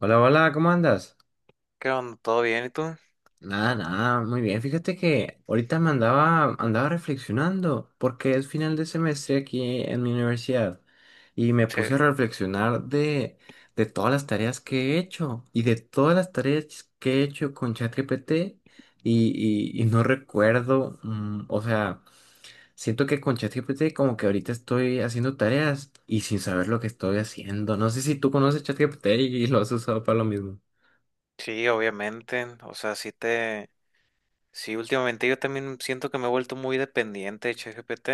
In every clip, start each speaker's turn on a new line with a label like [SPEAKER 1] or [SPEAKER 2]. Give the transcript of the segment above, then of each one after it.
[SPEAKER 1] Hola, hola, ¿cómo andas?
[SPEAKER 2] ¿Qué onda? ¿Todo bien? ¿Y tú?
[SPEAKER 1] Nada, nada, muy bien. Fíjate que ahorita me andaba reflexionando porque es final de semestre aquí en mi universidad y me
[SPEAKER 2] Sí.
[SPEAKER 1] puse a reflexionar de todas las tareas que he hecho y de todas las tareas que he hecho con ChatGPT y no recuerdo, o sea, siento que con ChatGPT como que ahorita estoy haciendo tareas y sin saber lo que estoy haciendo. No sé si tú conoces ChatGPT y lo has usado para lo mismo.
[SPEAKER 2] Sí, obviamente. O sea, sí te... Sí, últimamente yo también siento que me he vuelto muy dependiente de ChatGPT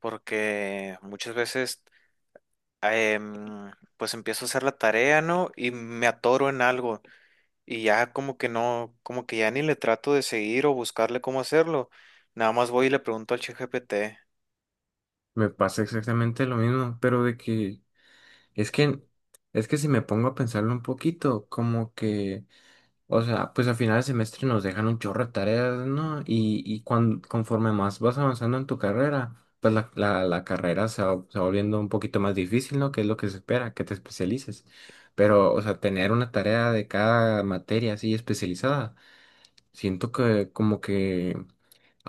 [SPEAKER 2] porque muchas veces em, pues empiezo a hacer la tarea, ¿no? Y me atoro en algo y ya como que no, como que ya ni le trato de seguir o buscarle cómo hacerlo. Nada más voy y le pregunto al ChatGPT.
[SPEAKER 1] Me pasa exactamente lo mismo, pero de que es que es que si me pongo a pensarlo un poquito, como que, o sea, pues al final del semestre nos dejan un chorro de tareas, ¿no? Y cuan- conforme más vas avanzando en tu carrera, pues la carrera se va volviendo un poquito más difícil, ¿no? Que es lo que se espera, que te especialices. Pero, o sea, tener una tarea de cada materia así especializada, siento que como que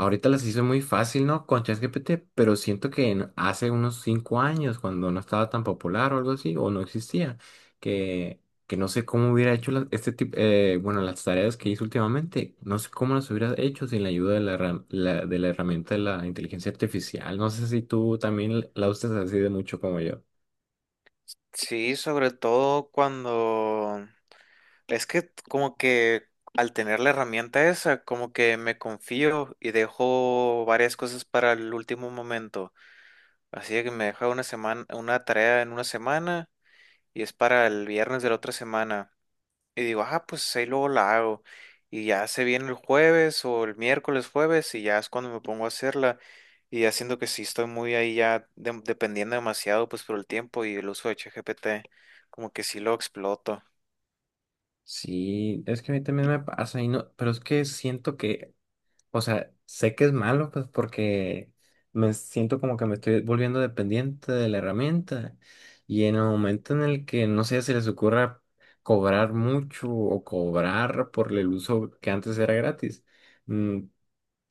[SPEAKER 1] ahorita las hizo muy fácil, ¿no? Con ChatGPT, pero siento que en- hace unos cinco años, cuando no estaba tan popular o algo así, o no existía, que, que no sé cómo hubiera hecho la- este tipo, bueno, las tareas que hizo últimamente, no sé cómo las hubiera hecho sin la ayuda de la, herram- la- de la herramienta de la inteligencia artificial. No sé si tú también la usas así de mucho como yo.
[SPEAKER 2] Sí, sobre todo cuando... Es que como que al tener la herramienta esa, como que me confío y dejo varias cosas para el último momento. Así que me deja una semana, una tarea en una semana, y es para el viernes de la otra semana. Y digo, ah, pues ahí luego la hago. Y ya se viene el jueves o el miércoles jueves y ya es cuando me pongo a hacerla. Y haciendo que sí estoy muy ahí ya dependiendo demasiado pues por el tiempo y el uso de ChatGPT, como que sí lo exploto.
[SPEAKER 1] Sí, es que a mí también me pasa y no, pero es que siento que o sea, sé que es malo, pues, porque me siento como que me estoy volviendo dependiente de la herramienta. Y en el momento en el que, no sé, se les ocurra cobrar mucho o cobrar por el uso que antes era gratis. mm,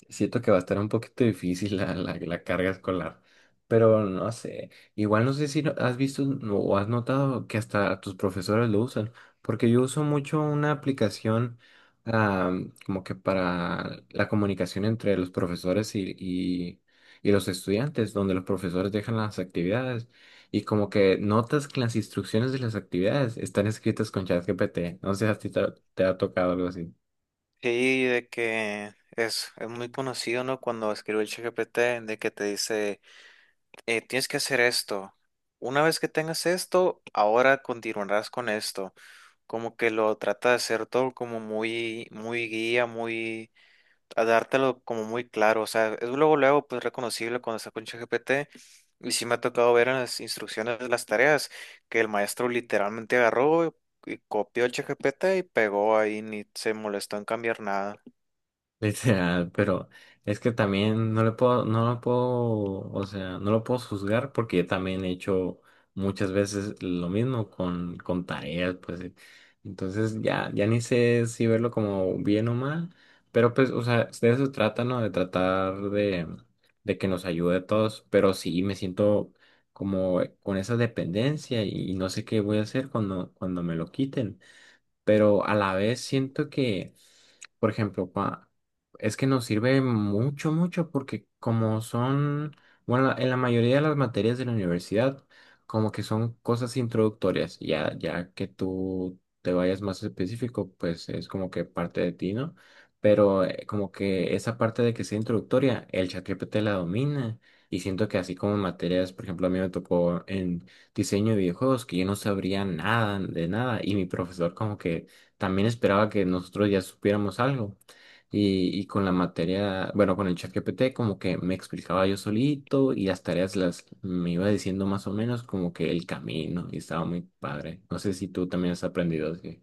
[SPEAKER 1] Siento que va a estar un poquito difícil la carga escolar, pero no sé, igual no sé si no- has visto no- o has notado que hasta tus profesores lo usan, porque yo uso mucho una aplicación ah, como que para la comunicación entre los profesores y los estudiantes, donde los profesores dejan las actividades y como que notas que las instrucciones de las actividades están escritas con ChatGPT, no sé si a ti te ha tocado algo así.
[SPEAKER 2] Sí, de que es muy conocido, ¿no? Cuando escribió el ChatGPT, de que te dice, tienes que hacer esto. Una vez que tengas esto, ahora continuarás con esto. Como que lo trata de hacer todo como muy, muy guía, muy, a dártelo como muy claro. O sea, es luego, luego, pues reconocible cuando está con ChatGPT. Y sí me ha tocado ver en las instrucciones de las tareas que el maestro literalmente agarró y copió el ChatGPT y pegó ahí, ni se molestó en cambiar nada.
[SPEAKER 1] Literal, pero es que también no le puedo, no lo puedo, o sea, no lo puedo juzgar porque yo también he hecho muchas veces lo mismo con tareas, pues. Entonces ya, ya ni sé si verlo como bien o mal, pero pues, o sea, de eso se trata, ¿no? De tratar de que nos ayude a todos, pero sí me siento como con esa dependencia y no sé qué voy a hacer cuando, cuando me lo quiten, pero a la vez siento que, por ejemplo, cua- es que nos sirve mucho, mucho, porque como son, bueno, la- en la mayoría de las materias de la universidad, como que son cosas introductorias, ya, ya que tú te vayas más específico, pues es como que parte de ti, ¿no? Pero como que esa parte de que sea introductoria, el ChatGPT la domina. Y siento que así como en materias, por ejemplo, a mí me tocó diseño de videojuegos que yo no sabría nada de nada y mi profesor como que también esperaba que nosotros ya supiéramos algo. Y con la materia, bueno, con el ChatGPT como que me explicaba yo solito y las tareas las me iba diciendo más o menos como que el camino y estaba muy padre. No sé si tú también has aprendido así.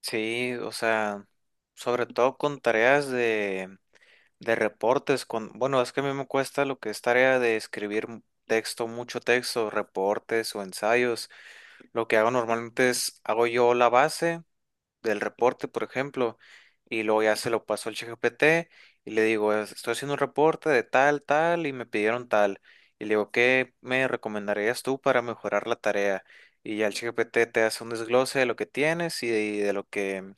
[SPEAKER 2] Sí, o sea, sobre todo con tareas de reportes, con, bueno, es que a mí me cuesta lo que es tarea de escribir texto, mucho texto, reportes o ensayos. Lo que hago normalmente es, hago yo la base del reporte, por ejemplo, y luego ya se lo paso al ChatGPT y le digo, Estoy haciendo un reporte de tal, tal, y me pidieron tal". Y le digo, ¿qué me recomendarías tú para mejorar la tarea? Y ya el ChatGPT te hace un desglose de lo que tienes y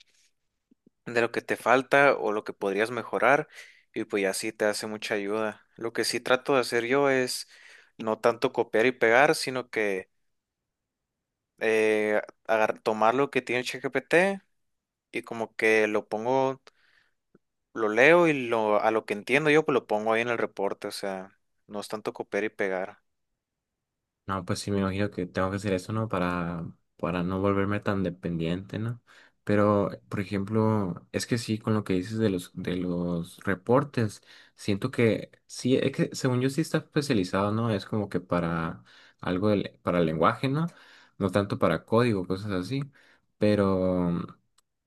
[SPEAKER 2] de lo que te falta o lo que podrías mejorar, y pues ya sí te hace mucha ayuda. Lo que sí trato de hacer yo es no tanto copiar y pegar, sino que tomar lo que tiene ChatGPT y como que lo pongo, lo leo y lo, a lo que entiendo yo pues lo pongo ahí en el reporte. O sea, no es tanto copiar y pegar.
[SPEAKER 1] No, pues sí, me imagino que tengo que hacer eso, ¿no? Para no volverme tan dependiente, ¿no? Pero, por ejemplo, es que sí, con lo que dices de los reportes, siento que sí, es que según yo sí está especializado, ¿no? Es como que para algo del- para el lenguaje, ¿no? No tanto para código, cosas así. Pero,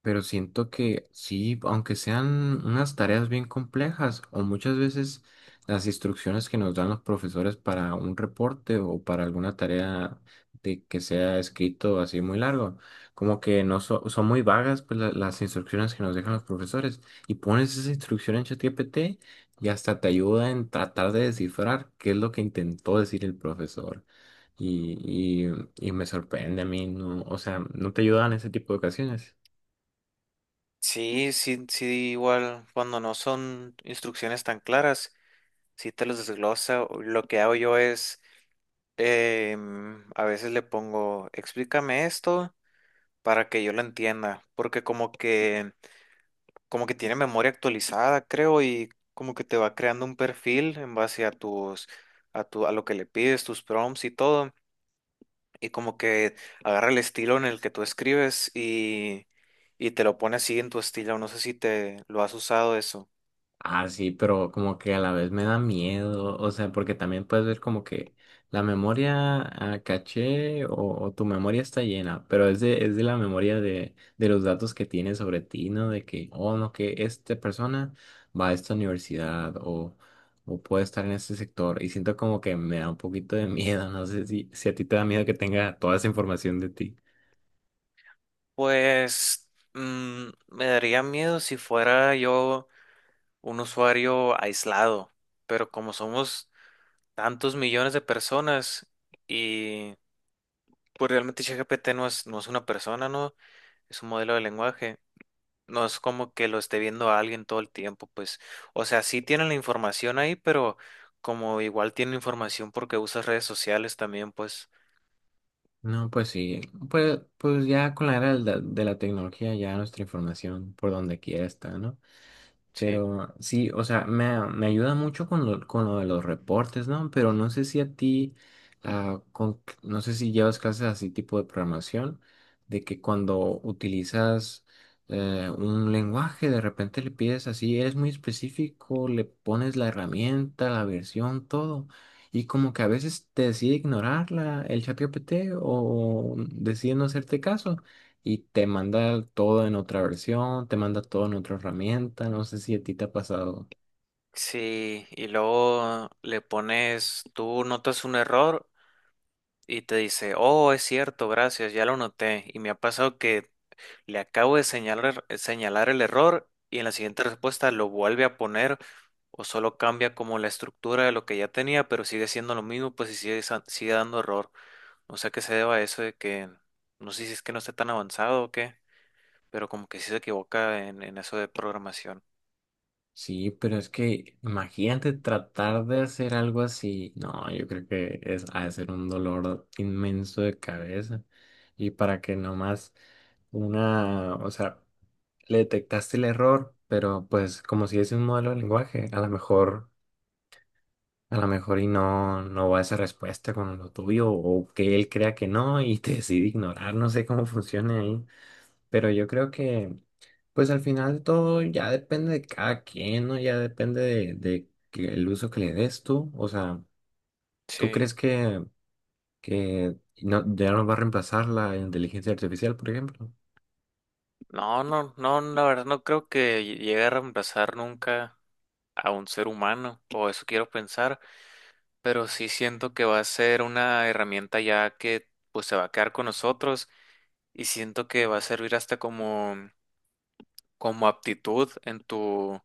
[SPEAKER 1] pero siento que sí, aunque sean unas tareas bien complejas, o muchas veces las instrucciones que nos dan los profesores para un reporte o para alguna tarea de que sea escrito así muy largo. Como que no so- son muy vagas pues, la- las instrucciones que nos dejan los profesores. Y pones esa instrucción en ChatGPT y hasta te ayuda en tratar de descifrar qué es lo que intentó decir el profesor. Y, y, y me sorprende a mí, no, o sea, no te ayudan en ese tipo de ocasiones.
[SPEAKER 2] Sí, sí, sí, igual cuando no son instrucciones tan claras, sí te los desglosa. Lo que hago yo es... a veces le pongo, explícame esto para que yo lo entienda, porque como que tiene memoria actualizada, creo, y como que te va creando un perfil en base a tus, a tu, a lo que le pides, tus prompts y todo, y como que agarra el estilo en el que tú escribes y te lo pone así en tu estilo. No sé si te lo has usado eso.
[SPEAKER 1] Ah, sí, pero como que a la vez me da miedo, o sea, porque también puedes ver como que la memoria caché o tu memoria está llena, pero es es de la memoria de los datos que tienes sobre ti, ¿no? De que, oh, no, que esta persona va a esta universidad o puede estar en este sector y siento como que me da un poquito de miedo, no sé si, si a ti te da miedo que tenga toda esa información de ti.
[SPEAKER 2] Pues me daría miedo si fuera yo, un usuario aislado, pero como somos tantos millones de personas y pues realmente ChatGPT no es, no es una persona, ¿no? Es un modelo de lenguaje. No es como que lo esté viendo a alguien todo el tiempo, pues. O sea, sí tienen la información ahí, pero como igual tienen información porque usas redes sociales también, pues,
[SPEAKER 1] No, pues sí, pues, pues ya con la era de la tecnología ya nuestra información por donde quiera está, ¿no?
[SPEAKER 2] sí.
[SPEAKER 1] Pero sí, o sea, me, a- me ayuda mucho con lo de los reportes, ¿no? Pero no sé si a ti, no sé si llevas clases así tipo de programación, de que cuando utilizas un lenguaje, de repente le pides así, eres muy específico, le pones la herramienta, la versión, todo, y como que a veces te decide ignorarla, el chat GPT o decide no hacerte caso y te manda todo en otra versión, te manda todo en otra herramienta, no sé si a ti te ha pasado.
[SPEAKER 2] Sí, y luego le pones, tú notas un error y te dice, oh, es cierto, gracias, ya lo noté. Y me ha pasado que le acabo de señalar el error y en la siguiente respuesta lo vuelve a poner o solo cambia como la estructura de lo que ya tenía, pero sigue siendo lo mismo, pues, y sigue, sigue dando error. No sé a qué se deba eso, de que no sé si es que no esté tan avanzado o qué, pero como que sí se equivoca en eso de programación.
[SPEAKER 1] Sí, pero es que imagínate tratar de hacer algo así. No, yo creo que es ha de ser un dolor inmenso de cabeza. Y para que nomás una, o sea, le detectaste el error, pero pues como si es un modelo de lenguaje, a lo mejor y no, no va esa respuesta con lo tuyo, o que él crea que no y te decide ignorar, no sé cómo funciona ahí. Pero yo creo que, pues al final de todo ya depende de cada quien, ¿no? Ya depende de que el uso que le des tú. O sea, ¿tú
[SPEAKER 2] Sí.
[SPEAKER 1] crees que no, ya nos va a reemplazar la inteligencia artificial, por ejemplo?
[SPEAKER 2] No, no, no, la verdad no creo que llegue a reemplazar nunca a un ser humano, o eso quiero pensar, pero sí siento que va a ser una herramienta ya, que pues se va a quedar con nosotros, y siento que va a servir hasta como, como aptitud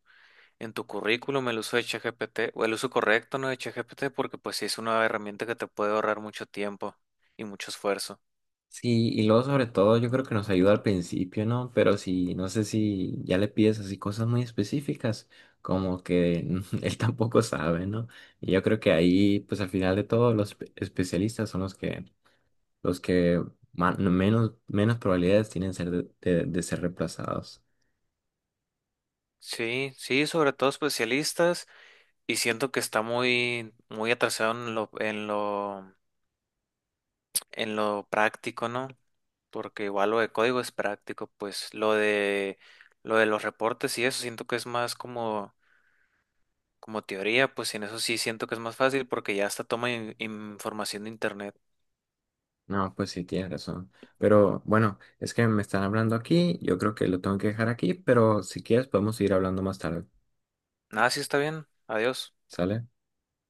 [SPEAKER 2] en tu currículum el uso de ChatGPT, o el uso correcto, ¿no?, de ChatGPT, porque pues sí es una herramienta que te puede ahorrar mucho tiempo y mucho esfuerzo.
[SPEAKER 1] Sí, y luego sobre todo yo creo que nos ayuda al principio, ¿no? Pero si, no sé si ya le pides así cosas muy específicas, como que él tampoco sabe, ¿no? Y yo creo que ahí, pues al final de todo, los espe- especialistas son los que los que ma- no, menos probabilidades tienen ser de ser reemplazados.
[SPEAKER 2] Sí, sí, sobre todo especialistas, y siento que está muy, muy atrasado en lo, en lo, en lo práctico, ¿no? Porque igual lo de código es práctico, pues lo de los reportes y eso siento que es más como... Como teoría, pues en eso sí siento que es más fácil porque ya hasta toma información de internet.
[SPEAKER 1] No, pues sí, tienes razón. Pero bueno, es que me están hablando aquí, yo creo que lo tengo que dejar aquí, pero si quieres podemos seguir hablando más tarde,
[SPEAKER 2] Nada, sí está bien. Adiós.
[SPEAKER 1] ¿sale?